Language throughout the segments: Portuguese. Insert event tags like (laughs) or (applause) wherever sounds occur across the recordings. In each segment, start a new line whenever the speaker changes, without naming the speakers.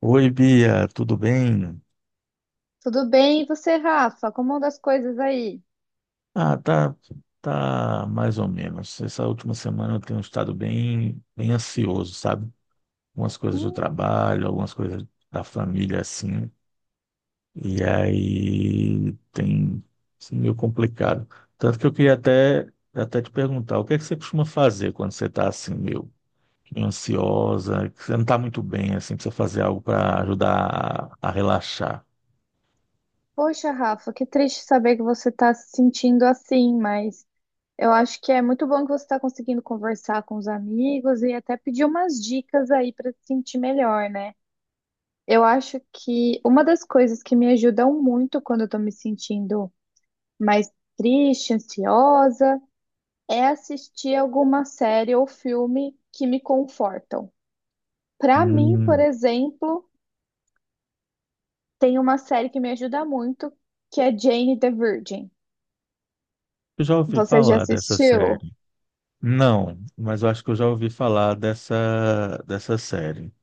Oi, Bia, tudo bem?
Tudo bem? E você, Rafa? Como anda as coisas aí?
Ah, tá, tá mais ou menos. Essa última semana eu tenho estado bem ansioso, sabe? Algumas coisas do
Hum,
trabalho, algumas coisas da família, assim. E aí tem sido meio complicado. Tanto que eu queria até te perguntar, o que é que você costuma fazer quando você está assim, meio, meio ansiosa, que você não está muito bem, assim, precisa fazer algo para ajudar a relaxar?
poxa, Rafa, que triste saber que você está se sentindo assim, mas eu acho que é muito bom que você está conseguindo conversar com os amigos e até pedir umas dicas aí para se sentir melhor, né? Eu acho que uma das coisas que me ajudam muito quando eu estou me sentindo mais triste, ansiosa, é assistir alguma série ou filme que me confortam. Para mim, por
Hum,
exemplo, tem uma série que me ajuda muito, que é Jane the Virgin.
eu já ouvi
Você já
falar dessa
assistiu?
série. Não, mas eu acho que eu já ouvi falar dessa série.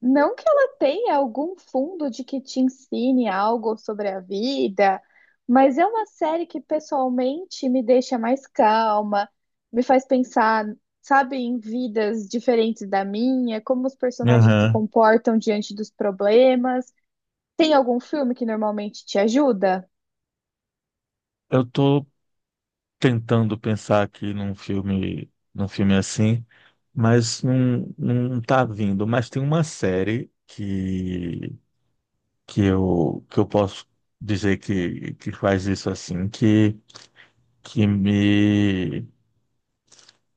Não que ela tenha algum fundo de que te ensine algo sobre a vida, mas é uma série que pessoalmente me deixa mais calma, me faz pensar, sabe, em vidas diferentes da minha, como os personagens se
Aham.
comportam diante dos problemas. Tem algum filme que normalmente te ajuda?
Eu tô tentando pensar aqui num filme assim, mas não tá vindo. Mas tem uma série que eu posso dizer que faz isso assim, que me,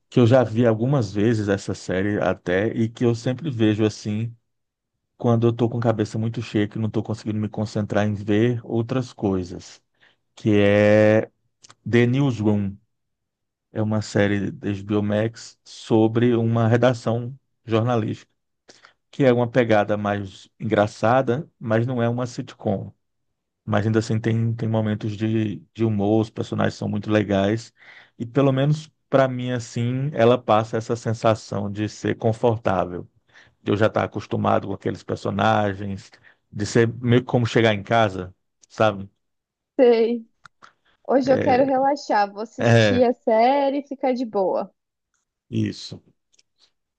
que eu já vi algumas vezes essa série até, e que eu sempre vejo assim, quando eu tô com a cabeça muito cheia, que não tô conseguindo me concentrar em ver outras coisas, que é The Newsroom, é uma série da HBO Max sobre uma redação jornalística, que é uma pegada mais engraçada, mas não é uma sitcom. Mas ainda assim tem momentos de humor, os personagens são muito legais, e pelo menos para mim assim, ela passa essa sensação de ser confortável, de eu já estar acostumado com aqueles personagens, de ser meio que como chegar em casa, sabe?
Sei. Hoje eu quero
É,
relaxar, vou assistir
é
a série e ficar de boa.
isso.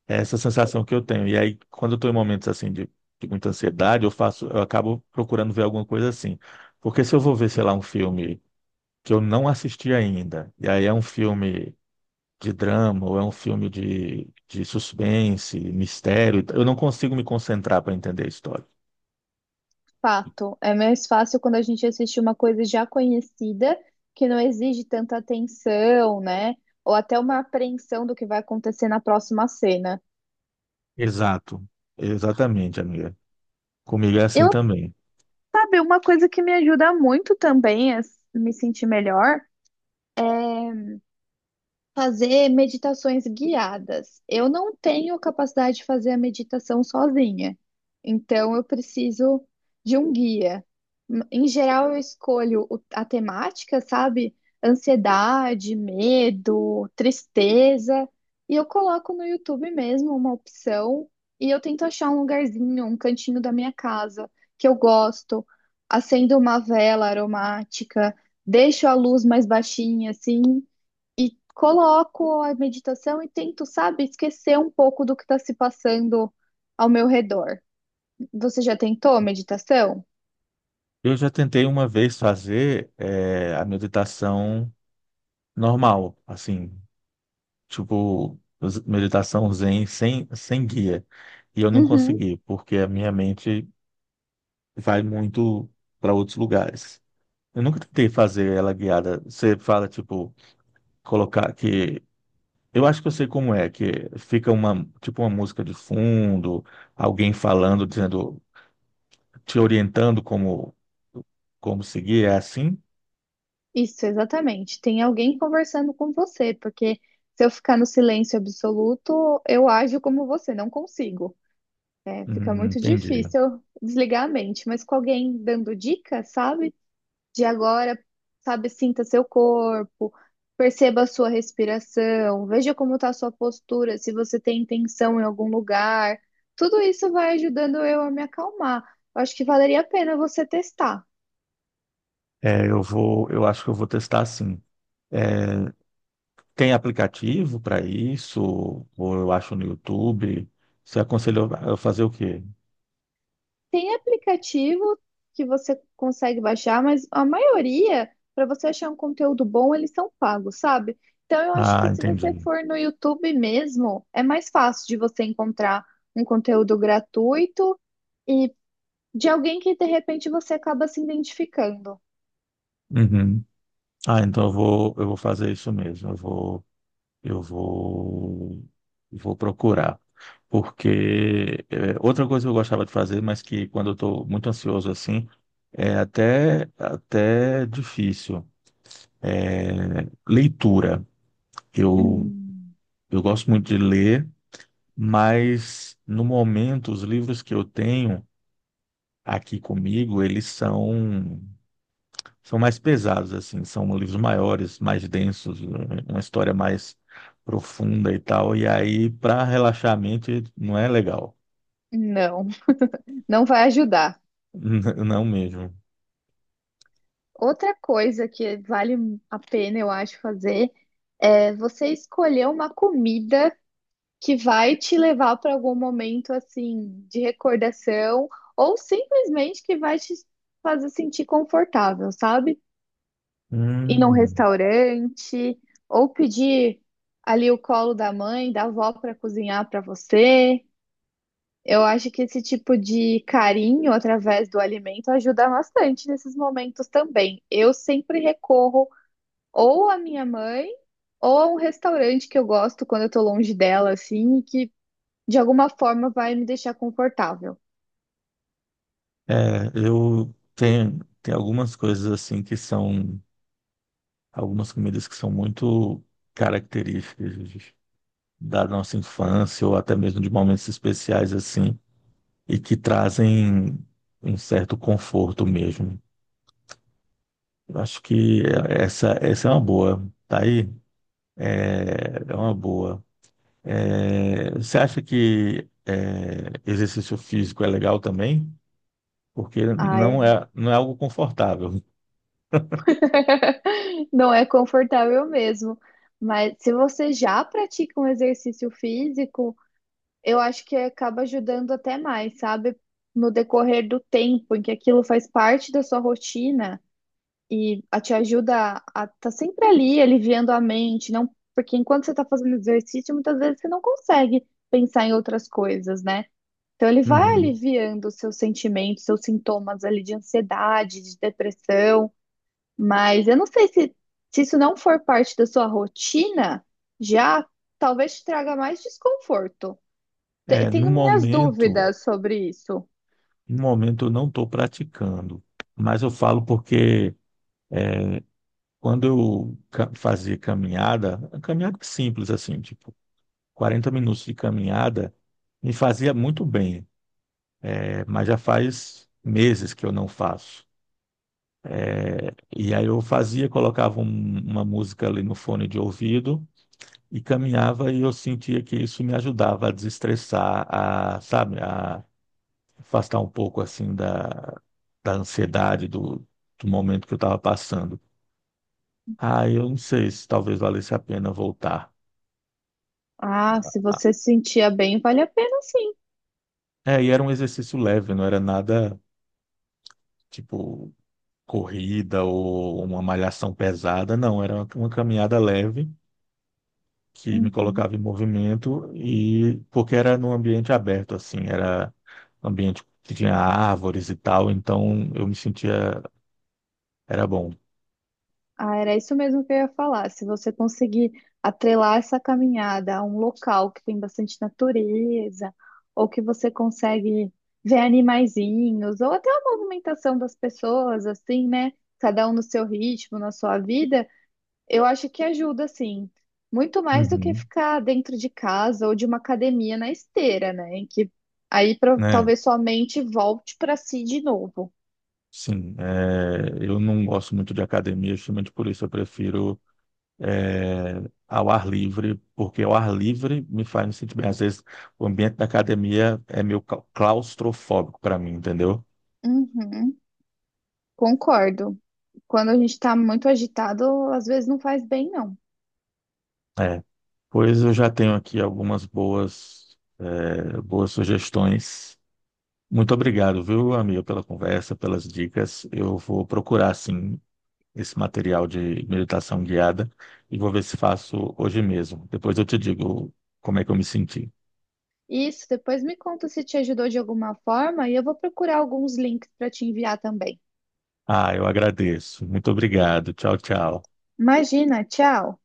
É essa sensação que eu tenho. E aí, quando eu estou em momentos assim de muita ansiedade, eu faço, eu acabo procurando ver alguma coisa assim. Porque se eu vou ver, sei lá, um filme que eu não assisti ainda, e aí é um filme de drama, ou é um filme de suspense, mistério. Eu não consigo me concentrar para entender a história.
Fato. É mais fácil quando a gente assiste uma coisa já conhecida, que não exige tanta atenção, né? Ou até uma apreensão do que vai acontecer na próxima cena.
Exato. Exatamente, amiga. Comigo é assim
Eu,
também.
sabe, uma coisa que me ajuda muito também a me sentir melhor. Fazer meditações guiadas. Eu não tenho capacidade de fazer a meditação sozinha, então eu preciso de um guia. Em geral, eu escolho a temática, sabe? Ansiedade, medo, tristeza, e eu coloco no YouTube mesmo uma opção e eu tento achar um lugarzinho, um cantinho da minha casa que eu gosto, acendo uma vela aromática, deixo a luz mais baixinha assim. E coloco a meditação e tento, sabe, esquecer um pouco do que está se passando ao meu redor. Você já tentou meditação?
Eu já tentei uma vez fazer a meditação normal, assim, tipo, meditação zen sem guia. E eu não
Uhum,
consegui, porque a minha mente vai muito para outros lugares. Eu nunca tentei fazer ela guiada. Você fala, tipo, colocar que. Eu acho que eu sei como é, que fica uma, tipo, uma música de fundo, alguém falando, dizendo, te orientando como, como seguir, é assim?
isso, exatamente. Tem alguém conversando com você, porque se eu ficar no silêncio absoluto, eu ajo como você, não consigo. É, fica muito
Entendi.
difícil desligar a mente, mas com alguém dando dicas, sabe? De agora, sabe, sinta seu corpo, perceba a sua respiração, veja como está a sua postura, se você tem tensão em algum lugar. Tudo isso vai ajudando eu a me acalmar. Eu acho que valeria a pena você testar.
Eu acho que eu vou testar assim. É, tem aplicativo para isso? Ou eu acho no YouTube? Você aconselhou a fazer o quê?
Tem aplicativo que você consegue baixar, mas a maioria, para você achar um conteúdo bom, eles são pagos, sabe? Então eu acho
Ah,
que se você
entendi.
for no YouTube mesmo, é mais fácil de você encontrar um conteúdo gratuito. E de alguém que de repente você acaba se identificando.
Uhum. Ah, então eu vou fazer isso mesmo. Eu vou, Vou procurar. Porque é, outra coisa que eu gostava de fazer, mas que quando eu estou muito ansioso assim, é até difícil. é Leitura. Eu,
Hum,
eu gosto muito de ler, mas no momento os livros que eu tenho aqui comigo, eles são mais pesados, assim, são livros maiores, mais densos, uma história mais profunda e tal. E aí, para relaxar a mente, não é legal.
não, não vai ajudar.
(laughs) Não mesmo.
Outra coisa que vale a pena, eu acho, fazer é você escolher uma comida que vai te levar para algum momento assim de recordação ou simplesmente que vai te fazer sentir confortável, sabe? Ir num
Hum,
restaurante ou pedir ali o colo da mãe, da avó para cozinhar para você. Eu acho que esse tipo de carinho através do alimento ajuda bastante nesses momentos também. Eu sempre recorro ou à minha mãe ou a um restaurante que eu gosto quando eu tô longe dela, assim, e que de alguma forma vai me deixar confortável.
é, eu tenho, tem algumas coisas assim que são, algumas comidas que são muito características da nossa infância ou até mesmo de momentos especiais assim, e que trazem um certo conforto mesmo. Eu acho que essa é uma boa. Tá aí? É, é uma boa. É, você acha que é, exercício físico é legal também? Porque não
Ai,
é, não é algo confortável.
(laughs) não é confortável mesmo. Mas se você já pratica um exercício físico, eu acho que acaba ajudando até mais, sabe? No decorrer do tempo em que aquilo faz parte da sua rotina. E a te ajuda a estar tá sempre ali, aliviando a mente, não, porque enquanto você está fazendo exercício, muitas vezes você não consegue pensar em outras coisas, né? Então ele vai
Uhum.
aliviando os seus sentimentos, seus sintomas ali de ansiedade, de depressão, mas eu não sei se, se isso não for parte da sua rotina, já talvez te traga mais desconforto.
É, no
Tenho minhas
momento,
dúvidas sobre isso.
no momento eu não estou praticando, mas eu falo porque quando eu fazia caminhada, caminhada simples assim, tipo 40 minutos de caminhada, me fazia muito bem. É, mas já faz meses que eu não faço. É, e aí eu fazia, colocava uma música ali no fone de ouvido e caminhava e eu sentia que isso me ajudava a desestressar, a, sabe, a afastar um pouco assim da, da ansiedade do, do momento que eu estava passando. Ah, eu não sei se talvez valesse a pena voltar.
Ah, se
Ah,
você se sentia bem, vale a pena sim.
é, e era um exercício leve, não era nada tipo corrida ou uma malhação pesada, não, era uma caminhada leve que me
Uhum.
colocava em movimento e porque era num ambiente aberto assim, era um ambiente que tinha árvores e tal, então eu me sentia, era bom.
Ah, era isso mesmo que eu ia falar. Se você conseguir atrelar essa caminhada a um local que tem bastante natureza, ou que você consegue ver animaizinhos, ou até a movimentação das pessoas, assim, né? Cada um no seu ritmo, na sua vida, eu acho que ajuda, assim, muito mais do que
Uhum.
ficar dentro de casa ou de uma academia na esteira, né? Em que
Né?
talvez sua mente volte para si de novo.
Sim, é, eu não gosto muito de academia, justamente por isso eu prefiro, é, ao ar livre, porque ao ar livre me faz me sentir bem. Às vezes o ambiente da academia é meio claustrofóbico para mim, entendeu?
Uhum. Concordo. Quando a gente tá muito agitado, às vezes não faz bem, não.
É, pois eu já tenho aqui algumas boas, é, boas sugestões. Muito obrigado, viu, amigo, pela conversa, pelas dicas. Eu vou procurar, sim, esse material de meditação guiada e vou ver se faço hoje mesmo. Depois eu te digo como é que eu me senti.
Isso, depois me conta se te ajudou de alguma forma e eu vou procurar alguns links para te enviar também.
Ah, eu agradeço. Muito obrigado. Tchau, tchau.
Imagina, tchau.